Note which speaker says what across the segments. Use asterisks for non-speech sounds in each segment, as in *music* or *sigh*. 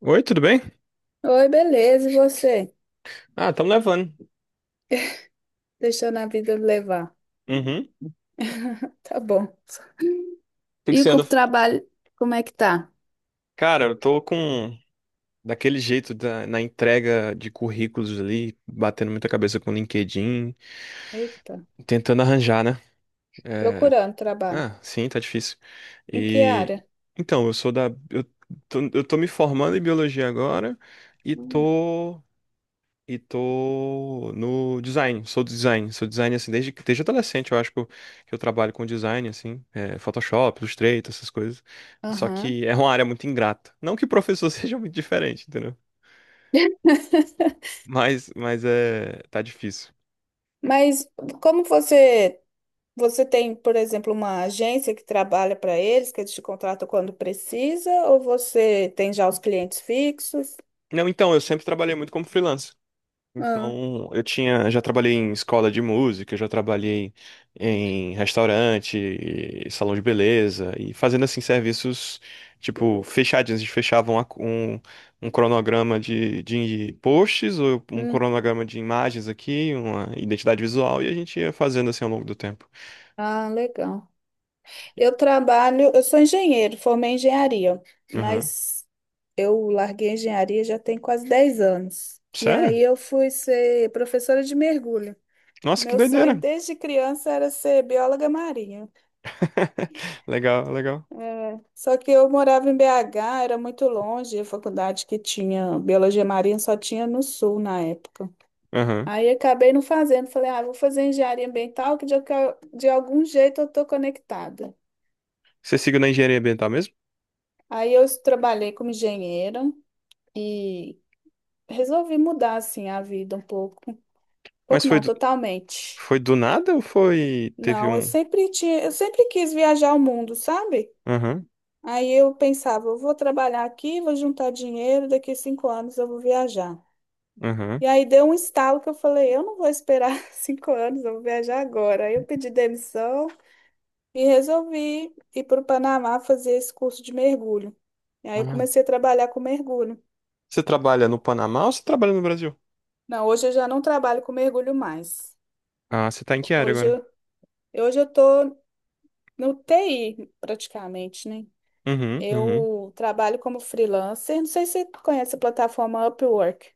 Speaker 1: Oi, tudo bem?
Speaker 2: Oi, beleza, e você?
Speaker 1: Ah, estamos levando.
Speaker 2: Deixando a vida levar.
Speaker 1: Uhum. O
Speaker 2: Tá bom.
Speaker 1: que
Speaker 2: E
Speaker 1: que você
Speaker 2: o
Speaker 1: anda?
Speaker 2: trabalho, como é que tá?
Speaker 1: Cara, eu tô com daquele jeito na entrega de currículos ali, batendo muita cabeça com o LinkedIn,
Speaker 2: Eita,
Speaker 1: tentando arranjar, né? É.
Speaker 2: procurando trabalho.
Speaker 1: Ah, sim, tá difícil.
Speaker 2: Em que
Speaker 1: E
Speaker 2: área?
Speaker 1: então, eu sou da eu eu tô me formando em biologia agora e
Speaker 2: Hum.
Speaker 1: tô E tô no design, sou do design, sou design assim desde adolescente, eu acho que eu trabalho com design assim, é, Photoshop, Illustrator, essas coisas. Só
Speaker 2: Aham.
Speaker 1: que é uma área muito ingrata. Não que o professor *laughs* seja muito diferente, entendeu? Mas é, tá difícil.
Speaker 2: Mas como você tem, por exemplo, uma agência que trabalha para eles, que eles te contratam quando precisa, ou você tem já os clientes fixos?
Speaker 1: Não, então, eu sempre trabalhei muito como freelancer.
Speaker 2: Ah,
Speaker 1: Então, eu tinha, já trabalhei em escola de música, já trabalhei em restaurante, e salão de beleza e fazendo assim serviços tipo fechadinhos, a gente fechava um cronograma de posts ou um
Speaker 2: hum.
Speaker 1: cronograma de imagens aqui, uma identidade visual e a gente ia fazendo assim ao longo do tempo.
Speaker 2: Ah, legal. Eu trabalho, eu sou engenheiro, formei em engenharia,
Speaker 1: Aham.
Speaker 2: mas eu larguei a engenharia já tem quase 10 anos. E aí
Speaker 1: Sério?
Speaker 2: eu fui ser professora de mergulho.
Speaker 1: Nossa, que
Speaker 2: Meu sonho
Speaker 1: doideira.
Speaker 2: desde criança era ser bióloga marinha.
Speaker 1: *laughs* Legal, legal.
Speaker 2: É, só que eu morava em BH, era muito longe, a faculdade que tinha biologia marinha só tinha no sul na época.
Speaker 1: Aham.
Speaker 2: Aí acabei não fazendo, falei, ah, vou fazer engenharia ambiental, que de algum jeito eu tô conectada.
Speaker 1: Você seguiu na engenharia ambiental mesmo?
Speaker 2: Aí eu trabalhei como engenheira e resolvi mudar assim a vida um pouco. Um
Speaker 1: Mas
Speaker 2: pouco
Speaker 1: foi
Speaker 2: não,
Speaker 1: do,
Speaker 2: totalmente.
Speaker 1: foi do nada ou foi teve
Speaker 2: Não,
Speaker 1: um.
Speaker 2: eu sempre quis viajar ao mundo, sabe?
Speaker 1: Aham.
Speaker 2: Aí eu pensava, eu vou trabalhar aqui, vou juntar dinheiro, daqui a 5 anos eu vou viajar.
Speaker 1: Aham.
Speaker 2: E aí deu um estalo que eu falei, eu não vou esperar *laughs* 5 anos, eu vou viajar agora. Aí eu pedi demissão e resolvi ir para o Panamá fazer esse curso de mergulho. E aí eu
Speaker 1: Ah,
Speaker 2: comecei a trabalhar com mergulho.
Speaker 1: você trabalha no Panamá ou você trabalha no Brasil?
Speaker 2: Não, hoje eu já não trabalho com mergulho mais.
Speaker 1: Ah, você tá em que área
Speaker 2: Hoje
Speaker 1: agora?
Speaker 2: eu, hoje eu tô no TI praticamente, né?
Speaker 1: Uhum, uhum.
Speaker 2: Eu trabalho como freelancer. Não sei se tu conhece a plataforma Upwork.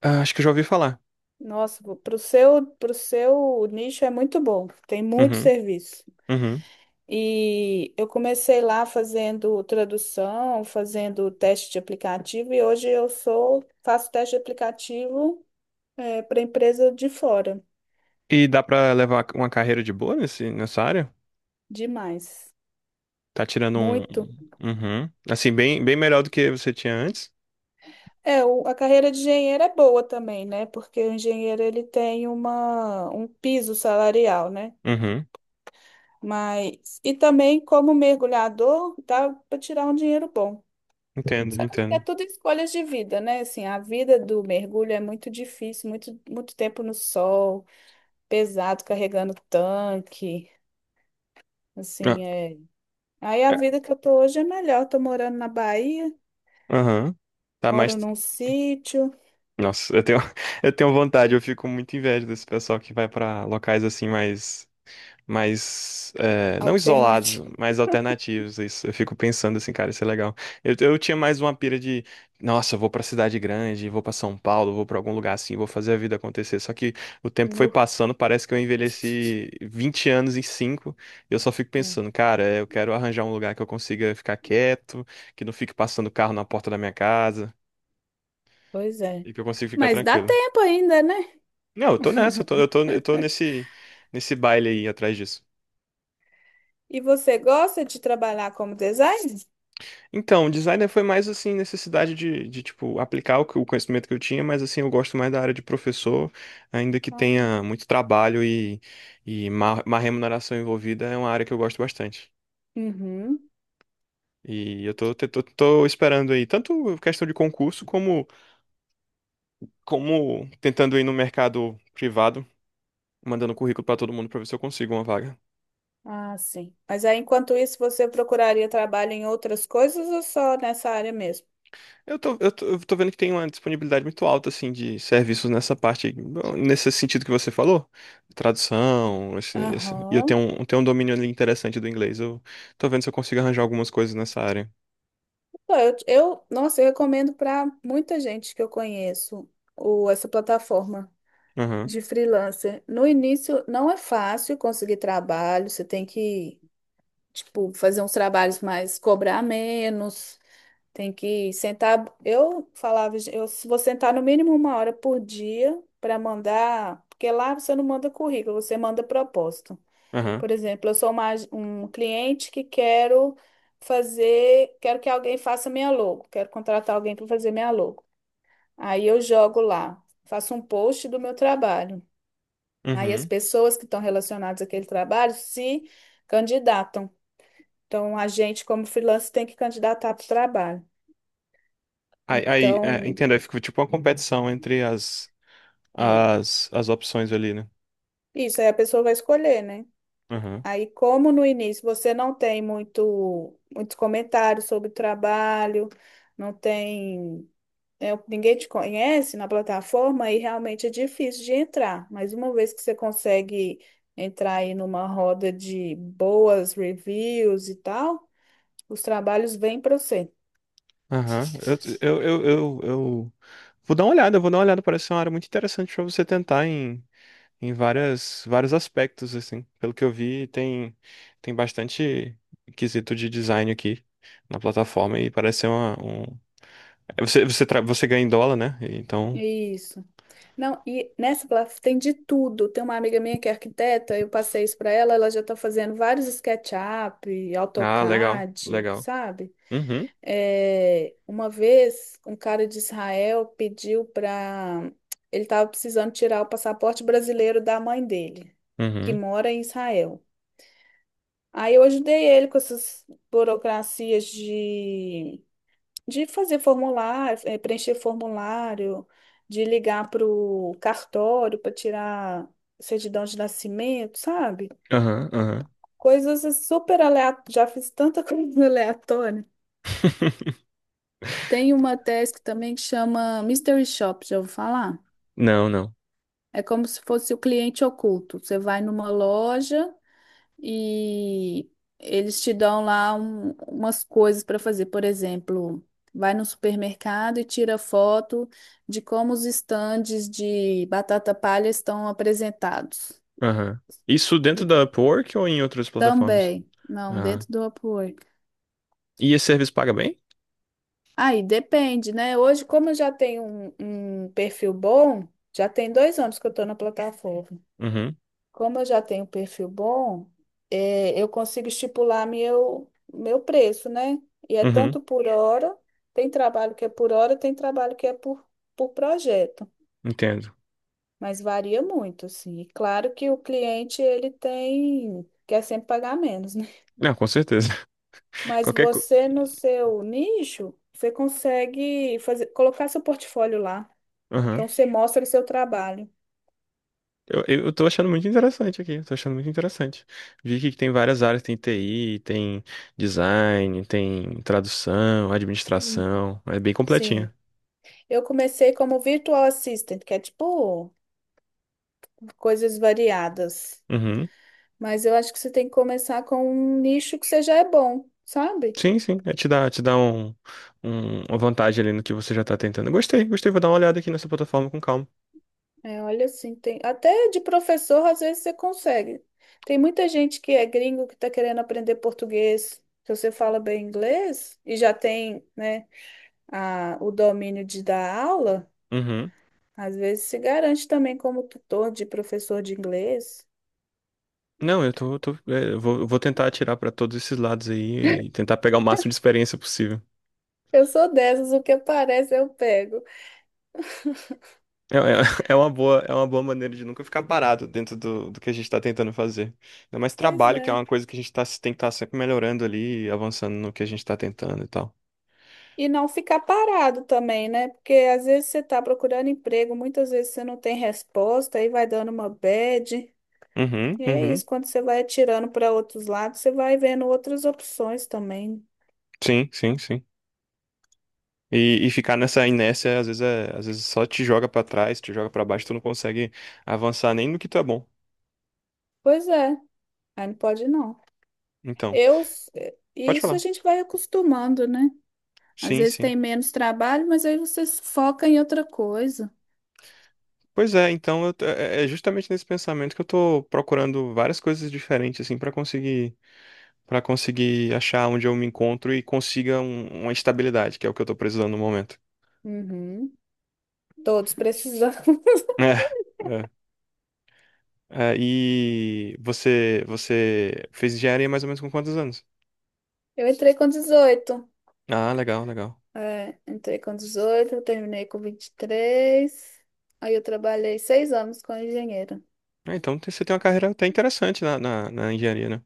Speaker 1: Ah, acho que eu já ouvi falar.
Speaker 2: Nossa, para o seu nicho é muito bom. Tem muito
Speaker 1: Uhum,
Speaker 2: serviço.
Speaker 1: uhum.
Speaker 2: E eu comecei lá fazendo tradução, fazendo teste de aplicativo e hoje eu sou faço teste de aplicativo para empresa de fora.
Speaker 1: E dá pra levar uma carreira de boa nessa área?
Speaker 2: Demais.
Speaker 1: Tá tirando um.
Speaker 2: Muito.
Speaker 1: Uhum. Assim, bem, bem melhor do que você tinha antes?
Speaker 2: É, a carreira de engenheiro é boa também, né? Porque o engenheiro ele tem uma, um piso salarial, né?
Speaker 1: Uhum.
Speaker 2: Mas, e também como mergulhador, dá para tirar um dinheiro bom.
Speaker 1: Entendo,
Speaker 2: Só que é
Speaker 1: entendo.
Speaker 2: tudo escolhas de vida, né? Assim, a vida do mergulho é muito difícil, muito, muito tempo no sol, pesado, carregando tanque,
Speaker 1: Ah,
Speaker 2: assim, é. Aí a
Speaker 1: é.
Speaker 2: vida que eu tô hoje é melhor, tô morando na Bahia,
Speaker 1: Aham. Tá mais.
Speaker 2: moro num sítio
Speaker 1: Nossa, eu tenho, *laughs* eu tenho vontade, eu fico muito inveja desse pessoal que vai pra locais assim mais. Não isolados,
Speaker 2: alternativo. *laughs*
Speaker 1: mas alternativos. Isso, eu fico pensando assim, cara, isso é legal. Eu tinha mais uma pira de, nossa, eu vou pra cidade grande, vou pra São Paulo, vou pra algum lugar assim, vou fazer a vida acontecer. Só que o tempo foi
Speaker 2: Nu.
Speaker 1: passando, parece que eu envelheci 20 anos em 5. E eu só fico
Speaker 2: É.
Speaker 1: pensando, cara, é, eu quero arranjar um lugar que eu consiga ficar quieto, que não fique passando carro na porta da minha casa,
Speaker 2: Pois é.
Speaker 1: e que eu consiga ficar
Speaker 2: Mas dá
Speaker 1: tranquilo.
Speaker 2: tempo ainda, né?
Speaker 1: Não, eu tô nessa, eu tô nesse baile aí atrás disso.
Speaker 2: E você gosta de trabalhar como designer?
Speaker 1: Então, designer foi mais assim, necessidade de tipo, aplicar o conhecimento que eu tinha, mas assim, eu gosto mais da área de professor, ainda que
Speaker 2: Ah.
Speaker 1: tenha muito trabalho e má remuneração envolvida, é uma área que eu gosto bastante.
Speaker 2: Uhum.
Speaker 1: E eu tô esperando aí, tanto questão de concurso, como, como tentando ir no mercado privado, mandando currículo pra todo mundo pra ver se eu consigo uma vaga.
Speaker 2: Ah, sim. Mas aí, enquanto isso, você procuraria trabalho em outras coisas ou só nessa área mesmo?
Speaker 1: Eu tô vendo que tem uma disponibilidade muito alta, assim, de serviços nessa parte, aí, nesse sentido que você falou, tradução, e eu
Speaker 2: Aham.
Speaker 1: tenho um domínio ali interessante do inglês, eu tô vendo se eu consigo arranjar algumas coisas nessa área.
Speaker 2: Pô, nossa, eu recomendo para muita gente que eu conheço essa plataforma
Speaker 1: Aham,
Speaker 2: de freelancer. No início, não é fácil conseguir trabalho, você tem que, tipo, fazer uns trabalhos mais, cobrar menos, tem que sentar. Eu falava, eu vou sentar no mínimo uma hora por dia para mandar, porque lá você não manda currículo, você manda proposta.
Speaker 1: aham,
Speaker 2: Por exemplo, eu sou um cliente que quero fazer, quero que alguém faça minha logo, quero contratar alguém para fazer minha logo. Aí eu jogo lá, faço um post do meu trabalho. Aí as
Speaker 1: uhum.
Speaker 2: pessoas que estão relacionadas àquele trabalho se candidatam. Então, a gente, como freelancer, tem que candidatar para o trabalho.
Speaker 1: É,
Speaker 2: Então,
Speaker 1: entendo, aí fica tipo uma competição entre as,
Speaker 2: é
Speaker 1: as, as opções ali, né?
Speaker 2: isso, aí a pessoa vai escolher, né?
Speaker 1: Aham,
Speaker 2: Aí, como no início você não tem muito, muitos comentários sobre o trabalho, não tem. É, ninguém te conhece na plataforma, aí realmente é difícil de entrar. Mas uma vez que você consegue entrar aí numa roda de boas reviews e tal, os trabalhos vêm para você.
Speaker 1: aham. Eu vou dar uma olhada, eu vou dar uma olhada, parece ser uma área muito interessante pra você tentar em vários aspectos, assim. Pelo que eu vi, tem, tem bastante quesito de design aqui na plataforma e parece ser uma, um... é, você ganha em dólar, né? Então...
Speaker 2: Isso. Não, e nessa plataforma tem de tudo. Tem uma amiga minha que é arquiteta, eu passei isso para ela, ela já está fazendo vários SketchUp,
Speaker 1: Ah, legal,
Speaker 2: AutoCAD,
Speaker 1: legal.
Speaker 2: sabe?
Speaker 1: Uhum,
Speaker 2: É, uma vez, um cara de Israel pediu para. Ele estava precisando tirar o passaporte brasileiro da mãe dele, que
Speaker 1: uhum,
Speaker 2: mora em Israel. Aí eu ajudei ele com essas burocracias de fazer formulário, preencher formulário, de ligar para o cartório para tirar certidão de nascimento, sabe?
Speaker 1: aham, aham.
Speaker 2: Coisas super aleatórias. Já fiz tanta coisa *laughs* aleatória.
Speaker 1: *laughs*
Speaker 2: Tem uma task também que chama Mystery Shop, já ouviu falar?
Speaker 1: Não, não.
Speaker 2: É como se fosse o cliente oculto. Você vai numa loja e eles te dão lá umas coisas para fazer. Por exemplo, vai no supermercado e tira foto de como os estandes de batata palha estão apresentados.
Speaker 1: Aham. Isso dentro da Upwork ou em outras plataformas?
Speaker 2: Também. Não,
Speaker 1: Ah.
Speaker 2: dentro do Upwork.
Speaker 1: E esse serviço paga bem?
Speaker 2: Aí depende, né? Hoje, como eu já tenho um, um perfil bom, já tem 2 anos que eu estou na plataforma.
Speaker 1: Uhum,
Speaker 2: Como eu já tenho perfil bom, eu consigo estipular meu preço, né? E é
Speaker 1: uhum,
Speaker 2: tanto por hora, tem trabalho que é por hora, tem trabalho que é por projeto,
Speaker 1: entendo.
Speaker 2: mas varia muito, assim. E claro que o cliente, ele tem, quer sempre pagar menos, né? *laughs*
Speaker 1: Não, com certeza. *laughs*
Speaker 2: Mas
Speaker 1: Qualquer coisa.
Speaker 2: você, no seu nicho, você consegue fazer, colocar seu portfólio lá. Então, você mostra o seu trabalho.
Speaker 1: Eu tô achando muito interessante aqui, eu tô achando muito interessante. Vi que tem várias áreas, tem TI, tem design, tem tradução,
Speaker 2: Hum,
Speaker 1: administração, é bem completinha.
Speaker 2: sim. Eu comecei como virtual assistant, que é tipo coisas variadas.
Speaker 1: Uhum.
Speaker 2: Mas eu acho que você tem que começar com um nicho que você já é bom, sabe?
Speaker 1: Sim, sim, é, te dá uma vantagem ali no que você já tá tentando. Gostei, gostei, vou dar uma olhada aqui nessa plataforma com calma.
Speaker 2: É, olha assim, tem até de professor às vezes você consegue. Tem muita gente que é gringo que está querendo aprender português. Se você fala bem inglês e já tem, né, o domínio de dar aula,
Speaker 1: Uhum.
Speaker 2: às vezes se garante também como tutor de professor de inglês.
Speaker 1: Não, é, eu vou tentar atirar pra todos esses lados aí e tentar pegar o máximo de experiência possível.
Speaker 2: Eu sou dessas, o que aparece eu pego.
Speaker 1: É, é, *laughs* é uma boa maneira de nunca ficar parado dentro do que a gente está tentando fazer. Ainda mais
Speaker 2: Pois
Speaker 1: trabalho, que é
Speaker 2: é.
Speaker 1: uma coisa que a gente tá, tem que estar sempre melhorando ali, avançando no que a gente está tentando e tal.
Speaker 2: E não ficar parado também, né? Porque às vezes você está procurando emprego, muitas vezes você não tem resposta, aí vai dando uma bad.
Speaker 1: Uhum,
Speaker 2: E é
Speaker 1: uhum.
Speaker 2: isso, quando você vai atirando para outros lados, você vai vendo outras opções também.
Speaker 1: Sim, sim, sim. E ficar nessa inércia, às vezes, é, às vezes só te joga para trás, te joga para baixo, tu não consegue avançar nem no que tu é bom.
Speaker 2: Pois é, aí não pode não.
Speaker 1: Então,
Speaker 2: Eu,
Speaker 1: pode
Speaker 2: isso a
Speaker 1: falar.
Speaker 2: gente vai acostumando, né? Às
Speaker 1: Sim,
Speaker 2: vezes
Speaker 1: sim.
Speaker 2: tem menos trabalho, mas aí você se foca em outra coisa.
Speaker 1: Pois é, então é é é justamente nesse pensamento que eu tô procurando várias coisas diferentes, assim, para conseguir. Para conseguir achar onde eu me encontro e consiga uma estabilidade, que é o que eu tô precisando no momento.
Speaker 2: Uhum. Todos precisam. *laughs*
Speaker 1: *laughs* É, é. É, e você fez engenharia mais ou menos com quantos anos?
Speaker 2: Eu entrei com 18.
Speaker 1: Ah, legal, legal.
Speaker 2: É, entrei com 18, terminei com 23. Aí eu trabalhei 6 anos como engenheira.
Speaker 1: Ah, então você tem uma carreira até interessante na engenharia, né?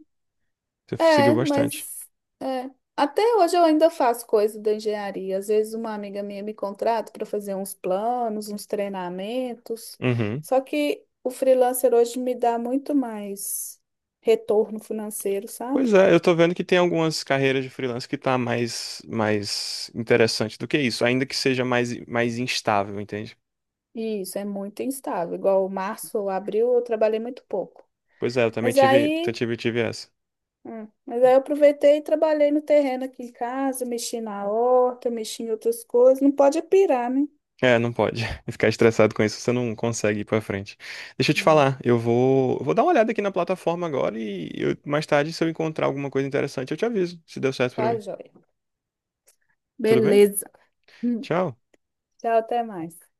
Speaker 1: Você seguiu
Speaker 2: É,
Speaker 1: bastante.
Speaker 2: mas é, até hoje eu ainda faço coisa da engenharia. Às vezes uma amiga minha me contrata para fazer uns planos, uns treinamentos.
Speaker 1: Uhum.
Speaker 2: Só que o freelancer hoje me dá muito mais retorno financeiro,
Speaker 1: Pois
Speaker 2: sabe?
Speaker 1: é, eu tô vendo que tem algumas carreiras de freelance que tá mais, mais interessante do que isso, ainda que seja mais, mais instável, entende?
Speaker 2: E isso é muito instável. Igual março ou abril eu trabalhei muito pouco.
Speaker 1: Pois é, eu também
Speaker 2: Mas
Speaker 1: tive, eu
Speaker 2: aí
Speaker 1: tive, tive essa.
Speaker 2: É, mas aí eu aproveitei e trabalhei no terreno aqui em casa, mexi na horta, mexi em outras coisas. Não pode pirar, né?
Speaker 1: É, não pode. *laughs* Ficar estressado com isso, você não consegue ir pra frente. Deixa eu te
Speaker 2: Hum.
Speaker 1: falar, eu vou dar uma olhada aqui na plataforma agora mais tarde, se eu encontrar alguma coisa interessante, eu te aviso, se deu certo pra
Speaker 2: Tá,
Speaker 1: mim.
Speaker 2: joia.
Speaker 1: Tudo bem?
Speaker 2: Beleza. Hum.
Speaker 1: Tchau.
Speaker 2: Tchau, até mais.